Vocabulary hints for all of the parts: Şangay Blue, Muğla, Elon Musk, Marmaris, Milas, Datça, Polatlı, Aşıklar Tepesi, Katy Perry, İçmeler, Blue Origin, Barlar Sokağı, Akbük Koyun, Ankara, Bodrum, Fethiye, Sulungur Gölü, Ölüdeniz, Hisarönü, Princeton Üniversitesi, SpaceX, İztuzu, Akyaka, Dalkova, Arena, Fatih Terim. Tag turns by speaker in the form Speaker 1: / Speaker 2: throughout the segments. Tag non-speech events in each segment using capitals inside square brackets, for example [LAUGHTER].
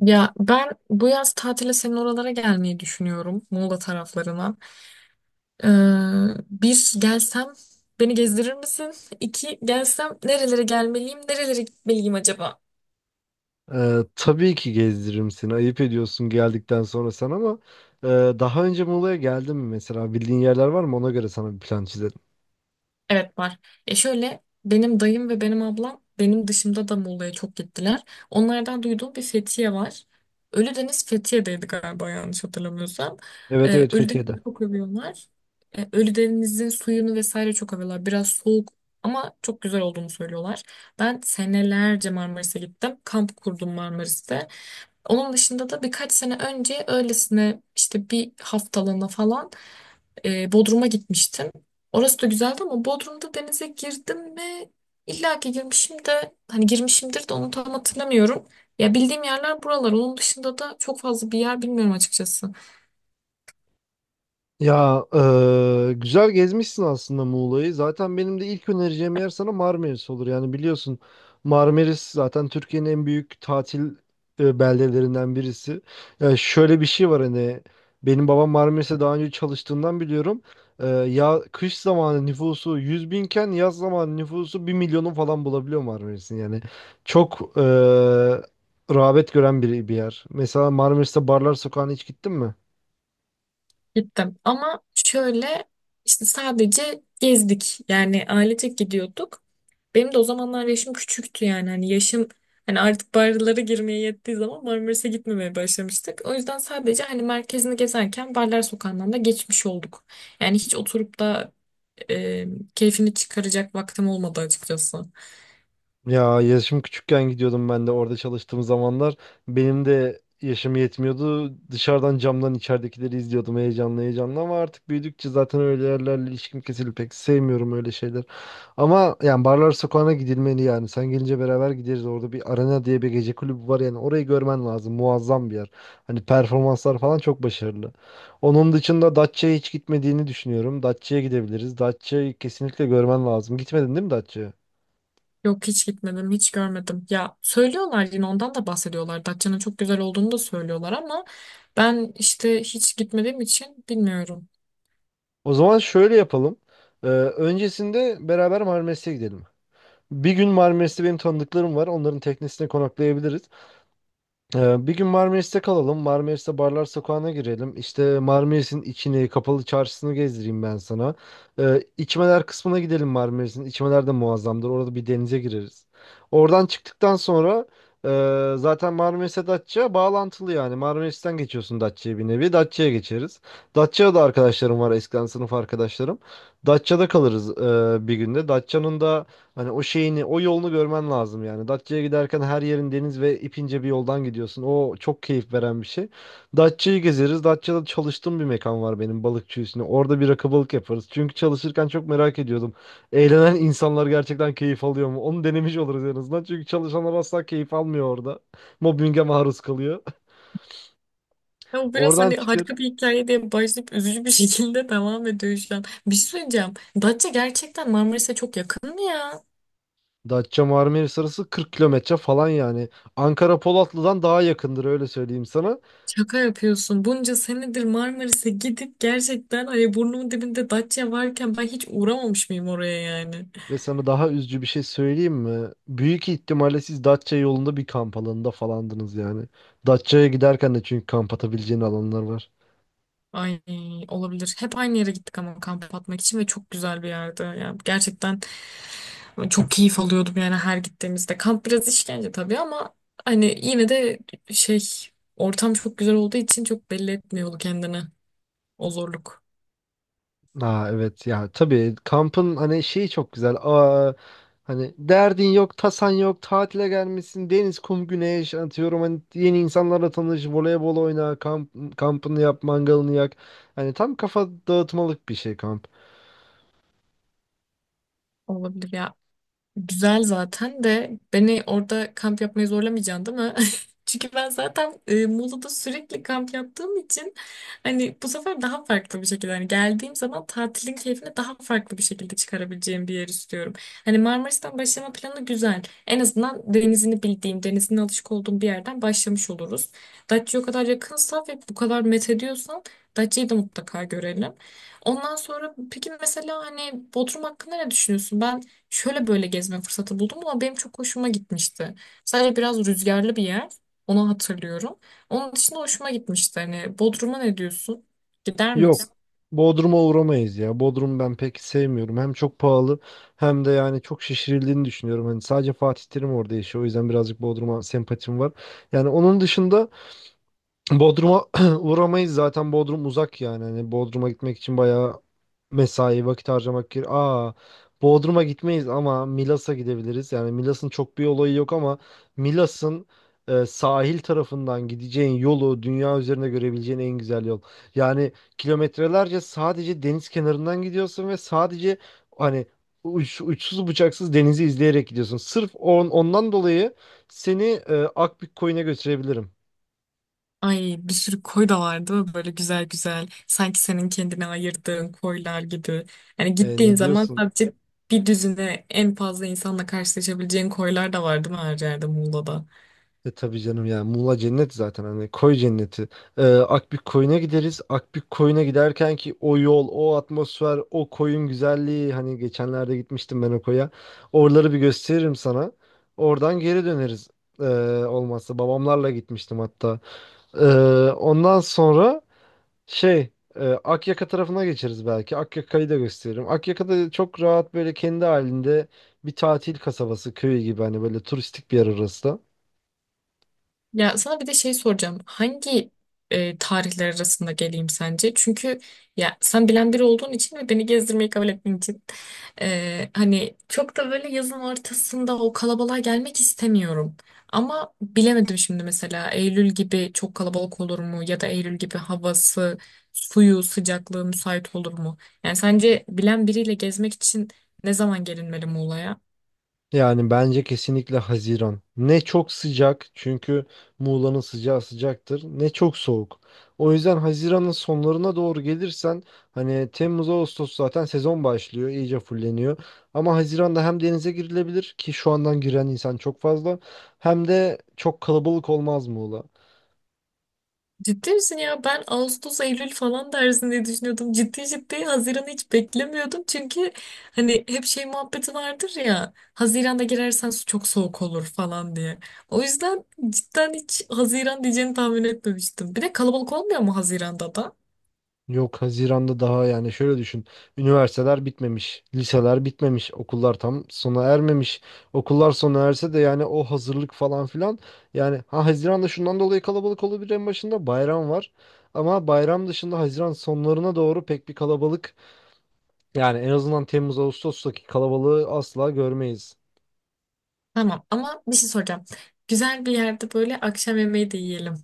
Speaker 1: Ya ben bu yaz tatile senin oralara gelmeyi düşünüyorum. Muğla taraflarına. Ee, Bir gelsem beni gezdirir misin? İki gelsem nerelere gelmeliyim, nerelere gitmeliyim acaba?
Speaker 2: Tabii ki gezdiririm seni. Ayıp ediyorsun geldikten sonra sen ama e, daha önce Muğla'ya geldin mi mesela? Bildiğin yerler var mı? Ona göre sana bir plan çizelim.
Speaker 1: Evet var. Ya şöyle benim dayım ve benim ablam benim dışımda da Muğla'ya çok gittiler. Onlardan duyduğum bir Fethiye var. Ölüdeniz Fethiye'deydi galiba yanlış hatırlamıyorsam.
Speaker 2: Evet, evet, Fethiye'de.
Speaker 1: Ölüdeniz'i çok övüyorlar. Ölüdeniz'in suyunu vesaire çok övüyorlar. Biraz soğuk ama çok güzel olduğunu söylüyorlar. Ben senelerce Marmaris'e gittim. Kamp kurdum Marmaris'te. Onun dışında da birkaç sene önce öylesine işte bir haftalığına falan Bodrum'a gitmiştim. Orası da güzeldi ama Bodrum'da denize girdim mi? İlla ki girmişim de hani girmişimdir de onu tam hatırlamıyorum. Ya bildiğim yerler buralar. Onun dışında da çok fazla bir yer bilmiyorum açıkçası.
Speaker 2: Ya güzel gezmişsin aslında Muğla'yı. Zaten benim de ilk önereceğim yer sana Marmaris olur. Yani biliyorsun, Marmaris zaten Türkiye'nin en büyük tatil beldelerinden birisi. Ya şöyle bir şey var, hani benim babam Marmaris'e daha önce çalıştığından biliyorum. Ya, kış zamanı nüfusu 100 binken yaz zamanı nüfusu bir milyonu falan bulabiliyor Marmaris'in. Yani çok rağbet gören bir yer. Mesela Marmaris'te Barlar Sokağı'na hiç gittin mi?
Speaker 1: Gittim ama şöyle işte sadece gezdik yani ailecek gidiyorduk. Benim de o zamanlar yaşım küçüktü yani hani yaşım hani artık barlara girmeye yettiği zaman Marmaris'e gitmemeye başlamıştık. O yüzden sadece hani merkezini gezerken Barlar Sokağı'ndan da geçmiş olduk. Yani hiç oturup da e, keyfini çıkaracak vaktim olmadı açıkçası.
Speaker 2: Ya, yaşım küçükken gidiyordum ben de orada çalıştığım zamanlar. Benim de yaşım yetmiyordu. Dışarıdan camdan içeridekileri izliyordum heyecanlı heyecanlı, ama artık büyüdükçe zaten öyle yerlerle ilişkim kesildi. Pek sevmiyorum öyle şeyler. Ama yani barlar sokağına gidilmeli yani. Sen gelince beraber gideriz. Orada bir arena diye bir gece kulübü var yani. Orayı görmen lazım. Muazzam bir yer. Hani performanslar falan çok başarılı. Onun dışında Datça'ya hiç gitmediğini düşünüyorum. Datça'ya gidebiliriz. Datça'yı kesinlikle görmen lazım. Gitmedin değil mi Datça'ya?
Speaker 1: Yok hiç gitmedim, hiç görmedim. Ya söylüyorlar yine ondan da bahsediyorlar. Datça'nın çok güzel olduğunu da söylüyorlar ama ben işte hiç gitmediğim için bilmiyorum.
Speaker 2: O zaman şöyle yapalım. Öncesinde beraber Marmaris'e gidelim. Bir gün Marmaris'te benim tanıdıklarım var. Onların teknesine konaklayabiliriz. Bir gün Marmaris'te kalalım. Marmaris'te barlar sokağına girelim. İşte Marmaris'in içini, kapalı çarşısını gezdireyim ben sana. İçmeler kısmına gidelim Marmaris'in. İçmeler de muazzamdır. Orada bir denize gireriz. Oradan çıktıktan sonra zaten Marmaris'e Datça bağlantılı yani. Marmaris'ten geçiyorsun Datça'ya bir nevi. Datça'ya geçeriz. Datça'da da arkadaşlarım var. Eskiden sınıf arkadaşlarım. Datça'da kalırız bir günde. Datça'nın da hani o şeyini, o yolunu görmen lazım yani. Datça'ya giderken her yerin deniz ve ipince bir yoldan gidiyorsun. O çok keyif veren bir şey. Datça'yı gezeriz. Datça'da çalıştığım bir mekan var benim, balıkçı üstüne. Orada bir rakı balık yaparız. Çünkü çalışırken çok merak ediyordum. Eğlenen insanlar gerçekten keyif alıyor mu? Onu denemiş oluruz en azından. Çünkü çalışanlar asla keyif almıyor orada. Mobbinge maruz kalıyor.
Speaker 1: Ya
Speaker 2: [LAUGHS]
Speaker 1: biraz
Speaker 2: Oradan
Speaker 1: hani
Speaker 2: çıkar.
Speaker 1: harika bir hikaye diye başlayıp üzücü bir şekilde [LAUGHS] devam ediyor şu an. Bir şey söyleyeceğim. Datça gerçekten Marmaris'e çok yakın mı ya?
Speaker 2: Datça Marmaris arası 40 kilometre falan yani. Ankara Polatlı'dan daha yakındır, öyle söyleyeyim sana.
Speaker 1: Şaka yapıyorsun. Bunca senedir Marmaris'e gidip gerçekten hani burnumun dibinde Datça varken ben hiç uğramamış mıyım oraya yani?
Speaker 2: Ve sana daha üzücü bir şey söyleyeyim mi? Büyük ihtimalle siz Datça yolunda bir kamp alanında falandınız yani. Datça'ya giderken de çünkü kamp atabileceğin alanlar var.
Speaker 1: Ay olabilir. Hep aynı yere gittik ama kamp atmak için ve çok güzel bir yerde. Yani gerçekten çok keyif alıyordum yani her gittiğimizde. Kamp biraz işkence tabii ama hani yine de şey. Ortam çok güzel olduğu için çok belli etmiyordu kendini. O zorluk
Speaker 2: Aa, evet ya, tabii kampın hani şeyi çok güzel. Aa, hani derdin yok, tasan yok, tatile gelmişsin, deniz, kum, güneş atıyorum. Hani yeni insanlarla tanış, voleybol oyna, kamp, kampını yap, mangalını yak. Hani tam kafa dağıtmalık bir şey kamp.
Speaker 1: olabilir ya. Güzel zaten de beni orada kamp yapmayı zorlamayacaksın değil mi? [LAUGHS] Çünkü ben zaten Muğla'da sürekli kamp yaptığım için hani bu sefer daha farklı bir şekilde hani geldiğim zaman tatilin keyfini daha farklı bir şekilde çıkarabileceğim bir yer istiyorum. Hani Marmaris'ten başlama planı güzel. En azından denizini bildiğim, denizine alışık olduğum bir yerden başlamış oluruz. Datça'ya o kadar yakınsa ve bu kadar met ediyorsan Datça'yı da mutlaka görelim. Ondan sonra peki mesela hani Bodrum hakkında ne düşünüyorsun? Ben şöyle böyle gezme fırsatı buldum ama benim çok hoşuma gitmişti. Sadece biraz rüzgarlı bir yer. Onu hatırlıyorum. Onun dışında hoşuma gitmişti. Hani Bodrum'a ne diyorsun? Gider
Speaker 2: Yok.
Speaker 1: miyiz?
Speaker 2: Bodrum'a uğramayız ya. Bodrum ben pek sevmiyorum. Hem çok pahalı hem de yani çok şişirildiğini düşünüyorum. Hani sadece Fatih Terim orada yaşıyor. O yüzden birazcık Bodrum'a sempatim var. Yani onun dışında Bodrum'a [CLEARS THROAT] uğramayız, zaten Bodrum uzak yani. Hani Bodrum'a gitmek için bayağı mesai vakit harcamak gerekiyor. Aa, Bodrum'a gitmeyiz ama Milas'a gidebiliriz. Yani Milas'ın çok bir olayı yok ama Milas'ın sahil tarafından gideceğin yolu, dünya üzerinde görebileceğin en güzel yol. Yani kilometrelerce sadece deniz kenarından gidiyorsun ve sadece, hani, uçsuz bucaksız denizi izleyerek gidiyorsun. Sırf ondan dolayı seni Akbük Koyun'a götürebilirim.
Speaker 1: Ay bir sürü koy da vardı böyle güzel güzel. Sanki senin kendine ayırdığın koylar gibi. Yani
Speaker 2: E,
Speaker 1: gittiğin
Speaker 2: ne
Speaker 1: zaman
Speaker 2: diyorsun?
Speaker 1: sadece bir düzine en fazla insanla karşılaşabileceğin koylar da vardı mı her yerde Muğla'da?
Speaker 2: E, tabii canım ya, Muğla cennet zaten, hani koy cenneti. Akbük Koyun'a gideriz. Akbük Koyun'a giderken ki o yol, o atmosfer, o koyun güzelliği, hani geçenlerde gitmiştim ben o koya. Oraları bir gösteririm sana. Oradan geri döneriz. Ee, Olmazsa babamlarla gitmiştim hatta. Ee, Ondan sonra, şey, Akyaka tarafına geçeriz belki. Akyaka'yı da gösteririm. Akyaka'da çok rahat, böyle kendi halinde bir tatil kasabası köyü gibi, hani böyle turistik bir yer orası da.
Speaker 1: Ya sana bir de şey soracağım. Hangi tarihler arasında geleyim sence? Çünkü ya sen bilen biri olduğun için ve beni gezdirmeyi kabul ettiğin için hani çok da böyle yazın ortasında o kalabalığa gelmek istemiyorum. Ama bilemedim şimdi mesela Eylül gibi çok kalabalık olur mu ya da Eylül gibi havası, suyu, sıcaklığı müsait olur mu? Yani sence bilen biriyle gezmek için ne zaman gelinmeli Muğla'ya?
Speaker 2: Yani bence kesinlikle Haziran. Ne çok sıcak, çünkü Muğla'nın sıcağı sıcaktır, ne çok soğuk. O yüzden Haziran'ın sonlarına doğru gelirsen, hani Temmuz Ağustos zaten sezon başlıyor, iyice fulleniyor. Ama Haziran'da hem denize girilebilir ki şu andan giren insan çok fazla, hem de çok kalabalık olmaz Muğla.
Speaker 1: Ciddi misin ya? Ben Ağustos, Eylül falan dersin diye düşünüyordum. Ciddi ciddi Haziran'ı hiç beklemiyordum. Çünkü hani hep şey muhabbeti vardır ya. Haziran'da girersen su çok soğuk olur falan diye. O yüzden cidden hiç Haziran diyeceğini tahmin etmemiştim. Bir de kalabalık olmuyor mu Haziran'da da?
Speaker 2: Yok, Haziran'da daha, yani şöyle düşün. Üniversiteler bitmemiş, liseler bitmemiş, okullar tam sona ermemiş. Okullar sona erse de yani o hazırlık falan filan. Yani ha, Haziran'da şundan dolayı kalabalık olabilir, en başında bayram var. Ama bayram dışında Haziran sonlarına doğru pek bir kalabalık, yani en azından Temmuz Ağustos'taki kalabalığı asla görmeyiz.
Speaker 1: Tamam ama bir şey soracağım. Güzel bir yerde böyle akşam yemeği de yiyelim.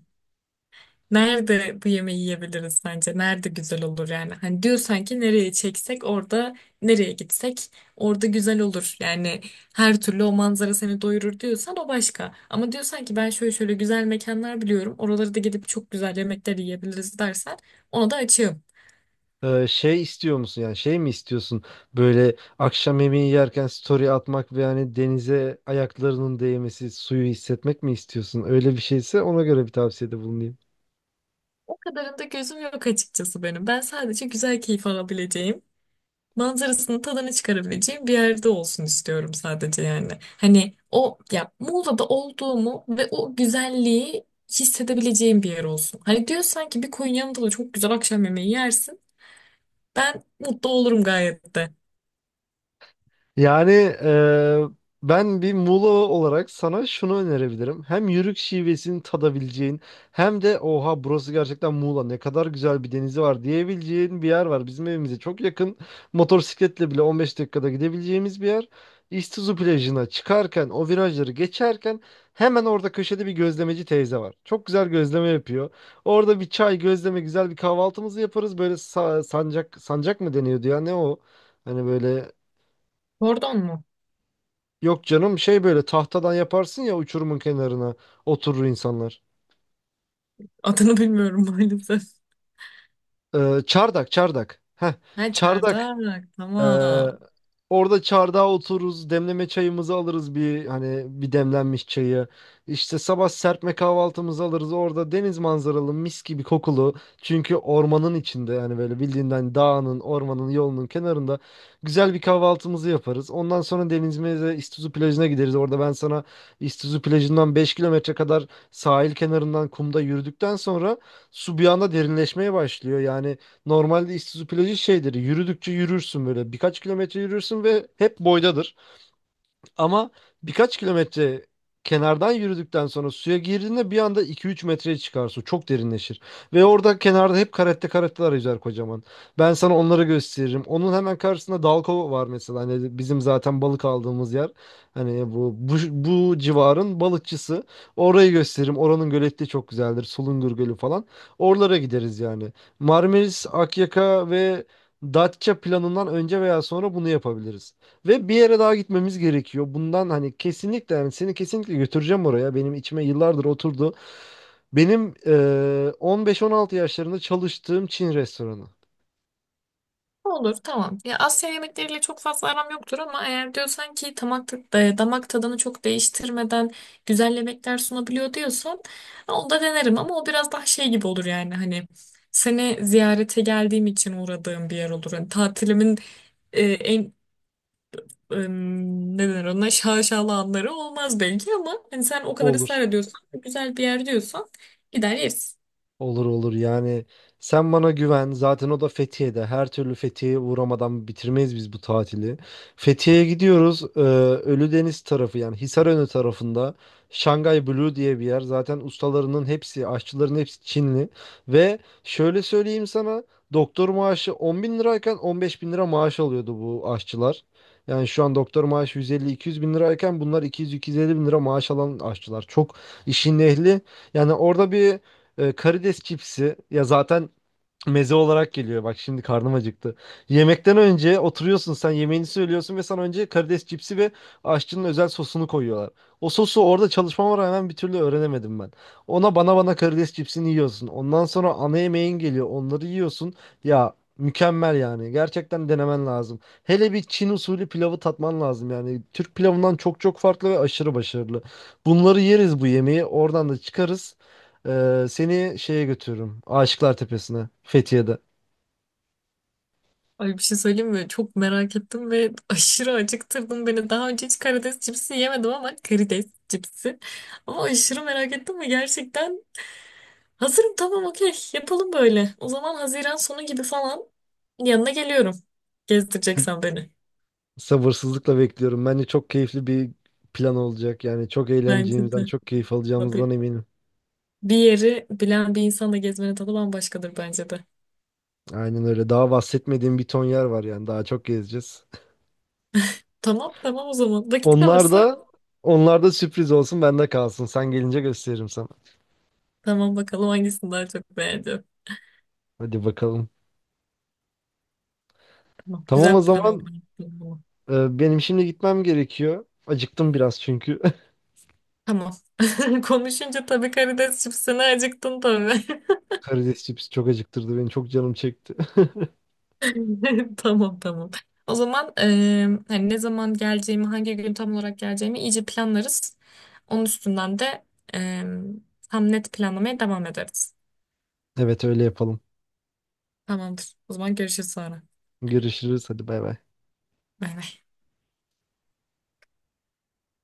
Speaker 1: Nerede bu yemeği yiyebiliriz sence? Nerede güzel olur yani? Hani diyorsan ki nereye çeksek orada nereye gitsek orada güzel olur. Yani her türlü o manzara seni doyurur diyorsan o başka. Ama diyorsan ki ben şöyle şöyle güzel mekanlar biliyorum. Oralara da gidip çok güzel yemekler yiyebiliriz dersen ona da açığım.
Speaker 2: Şey istiyor musun, yani şey mi istiyorsun, böyle akşam yemeği yerken story atmak ve yani denize ayaklarının değmesi, suyu hissetmek mi istiyorsun? Öyle bir şeyse ona göre bir tavsiyede bulunayım.
Speaker 1: O kadarında gözüm yok açıkçası benim. Ben sadece güzel keyif alabileceğim manzarasını, tadını çıkarabileceğim bir yerde olsun istiyorum sadece yani. Hani o ya Muğla'da olduğumu ve o güzelliği hissedebileceğim bir yer olsun. Hani diyorsan ki bir koyun yanında da çok güzel akşam yemeği yersin. Ben mutlu olurum gayet de.
Speaker 2: Yani eee, ben bir Muğla olarak sana şunu önerebilirim. Hem yörük şivesini tadabileceğin hem de oha, burası gerçekten Muğla, ne kadar güzel bir denizi var diyebileceğin bir yer var. Bizim evimize çok yakın, motosikletle bile 15 dakikada gidebileceğimiz bir yer. İztuzu plajına çıkarken o virajları geçerken hemen orada köşede bir gözlemeci teyze var. Çok güzel gözleme yapıyor. Orada bir çay gözleme, güzel bir kahvaltımızı yaparız. Böyle sancak sancak mı deniyordu ya, ne o? Hani böyle.
Speaker 1: Pardon mu?
Speaker 2: Yok canım, şey, böyle tahtadan yaparsın ya uçurumun kenarına, oturur insanlar.
Speaker 1: Adını bilmiyorum [LAUGHS] maalesef.
Speaker 2: Çardak, çardak. Heh,
Speaker 1: Ha,
Speaker 2: çardak.
Speaker 1: çardak,
Speaker 2: Ee,
Speaker 1: tamam.
Speaker 2: Orada çardağa otururuz, demleme çayımızı alırız, bir hani bir demlenmiş çayı. İşte sabah serpme kahvaltımızı alırız. Orada deniz manzaralı, mis gibi kokulu. Çünkü ormanın içinde yani, böyle bildiğinden dağının, ormanın, yolunun kenarında güzel bir kahvaltımızı yaparız. Ondan sonra denizimize, İstizu plajına gideriz. Orada ben sana İstizu plajından 5 kilometre kadar sahil kenarından kumda yürüdükten sonra su bir anda derinleşmeye başlıyor. Yani normalde Isuzu plajı şeydir. Yürüdükçe yürürsün böyle. Birkaç kilometre yürürsün ve hep boydadır. Ama birkaç kilometre kenardan yürüdükten sonra suya girdiğinde bir anda 2-3 metreye çıkar su. Çok derinleşir. Ve orada kenarda hep karetteler yüzer, kocaman. Ben sana onları gösteririm. Onun hemen karşısında Dalkova var mesela. Hani bizim zaten balık aldığımız yer. Hani bu civarın balıkçısı. Orayı gösteririm. Oranın göleti çok güzeldir. Sulungur Gölü falan. Oralara gideriz yani. Marmaris, Akyaka ve Datça planından önce veya sonra bunu yapabiliriz. Ve bir yere daha gitmemiz gerekiyor. Bundan, hani, kesinlikle yani seni kesinlikle götüreceğim oraya. Benim içime yıllardır oturdu. Benim 15-16 yaşlarında çalıştığım Çin restoranı.
Speaker 1: Olur, tamam. Ya Asya yemekleriyle çok fazla aram yoktur ama eğer diyorsan ki damak, damak tadını çok değiştirmeden güzel yemekler sunabiliyor diyorsan onu da denerim ama o biraz daha şey gibi olur yani hani seni ziyarete geldiğim için uğradığım bir yer olur. Hani tatilimin e, en e, ne denir ona, şaşalı anları olmaz belki ama hani sen o kadar ısrar
Speaker 2: Olur.
Speaker 1: ediyorsan güzel bir yer diyorsan gider yeriz.
Speaker 2: Olur, olur, yani sen bana güven, zaten o da Fethiye'de. Her türlü Fethiye'ye uğramadan bitirmeyiz biz bu tatili. Fethiye'ye gidiyoruz. Ölüdeniz tarafı, yani Hisarönü tarafında Şangay Blue diye bir yer. Zaten ustalarının hepsi, aşçıların hepsi Çinli. Ve şöyle söyleyeyim sana, doktor maaşı 10 bin lirayken 15 bin lira maaş alıyordu bu aşçılar. Yani şu an doktor maaşı 150-200 bin lirayken bunlar 200-250 bin lira maaş alan aşçılar. Çok işin ehli. Yani orada bir karides cipsi ya zaten meze olarak geliyor. Bak, şimdi karnım acıktı. Yemekten önce oturuyorsun, sen yemeğini söylüyorsun ve sana önce karides cipsi ve aşçının özel sosunu koyuyorlar. O sosu orada çalışmama rağmen bir türlü öğrenemedim ben. Ona bana karides cipsini yiyorsun. Ondan sonra ana yemeğin geliyor. Onları yiyorsun. Ya mükemmel yani. Gerçekten denemen lazım. Hele bir Çin usulü pilavı tatman lazım yani. Türk pilavından çok çok farklı ve aşırı başarılı. Bunları yeriz bu yemeği. Oradan da çıkarız. Seni şeye götürürüm, Aşıklar Tepesi'ne, Fethiye'de.
Speaker 1: Ay, bir şey söyleyeyim mi? Çok merak ettim ve [LAUGHS] aşırı acıktırdın beni. Daha önce hiç karides cipsi yemedim ama karides cipsi. Ama aşırı merak ettim ve gerçekten hazırım, tamam, okey, yapalım böyle. O zaman Haziran sonu gibi falan yanına geliyorum. Gezdireceksen beni.
Speaker 2: Sabırsızlıkla bekliyorum. Bence çok keyifli bir plan olacak. Yani çok
Speaker 1: Bence
Speaker 2: eğleneceğimizden,
Speaker 1: de.
Speaker 2: çok keyif alacağımızdan
Speaker 1: Abi,
Speaker 2: eminim.
Speaker 1: bir yeri bilen bir insanla gezmenin tadı bambaşkadır bence de.
Speaker 2: Aynen öyle. Daha bahsetmediğim bir ton yer var yani. Daha çok gezeceğiz.
Speaker 1: Tamam tamam o zaman. Vakit
Speaker 2: Onlar
Speaker 1: kalırsa
Speaker 2: da Onlar da sürpriz olsun, bende kalsın. Sen gelince gösteririm sana.
Speaker 1: tamam, bakalım hangisini daha çok beğendim.
Speaker 2: Hadi bakalım.
Speaker 1: Tamam,
Speaker 2: Tamam,
Speaker 1: güzel
Speaker 2: o
Speaker 1: bir plan oldu.
Speaker 2: zaman. Benim şimdi gitmem gerekiyor. Acıktım biraz çünkü. [LAUGHS]
Speaker 1: Tamam. [LAUGHS] Konuşunca tabii karides çipsine acıktın tabii.
Speaker 2: Karides cipsi çok acıktırdı beni. Çok canım çekti.
Speaker 1: [LAUGHS] Tamam tamam. O zaman hani ne zaman geleceğimi, hangi gün tam olarak geleceğimi iyice planlarız. Onun üstünden de eee, tam net planlamaya devam ederiz.
Speaker 2: [LAUGHS] Evet, öyle yapalım.
Speaker 1: Tamamdır. O zaman görüşürüz sonra.
Speaker 2: Görüşürüz. Hadi, bay bay.
Speaker 1: Bay bay.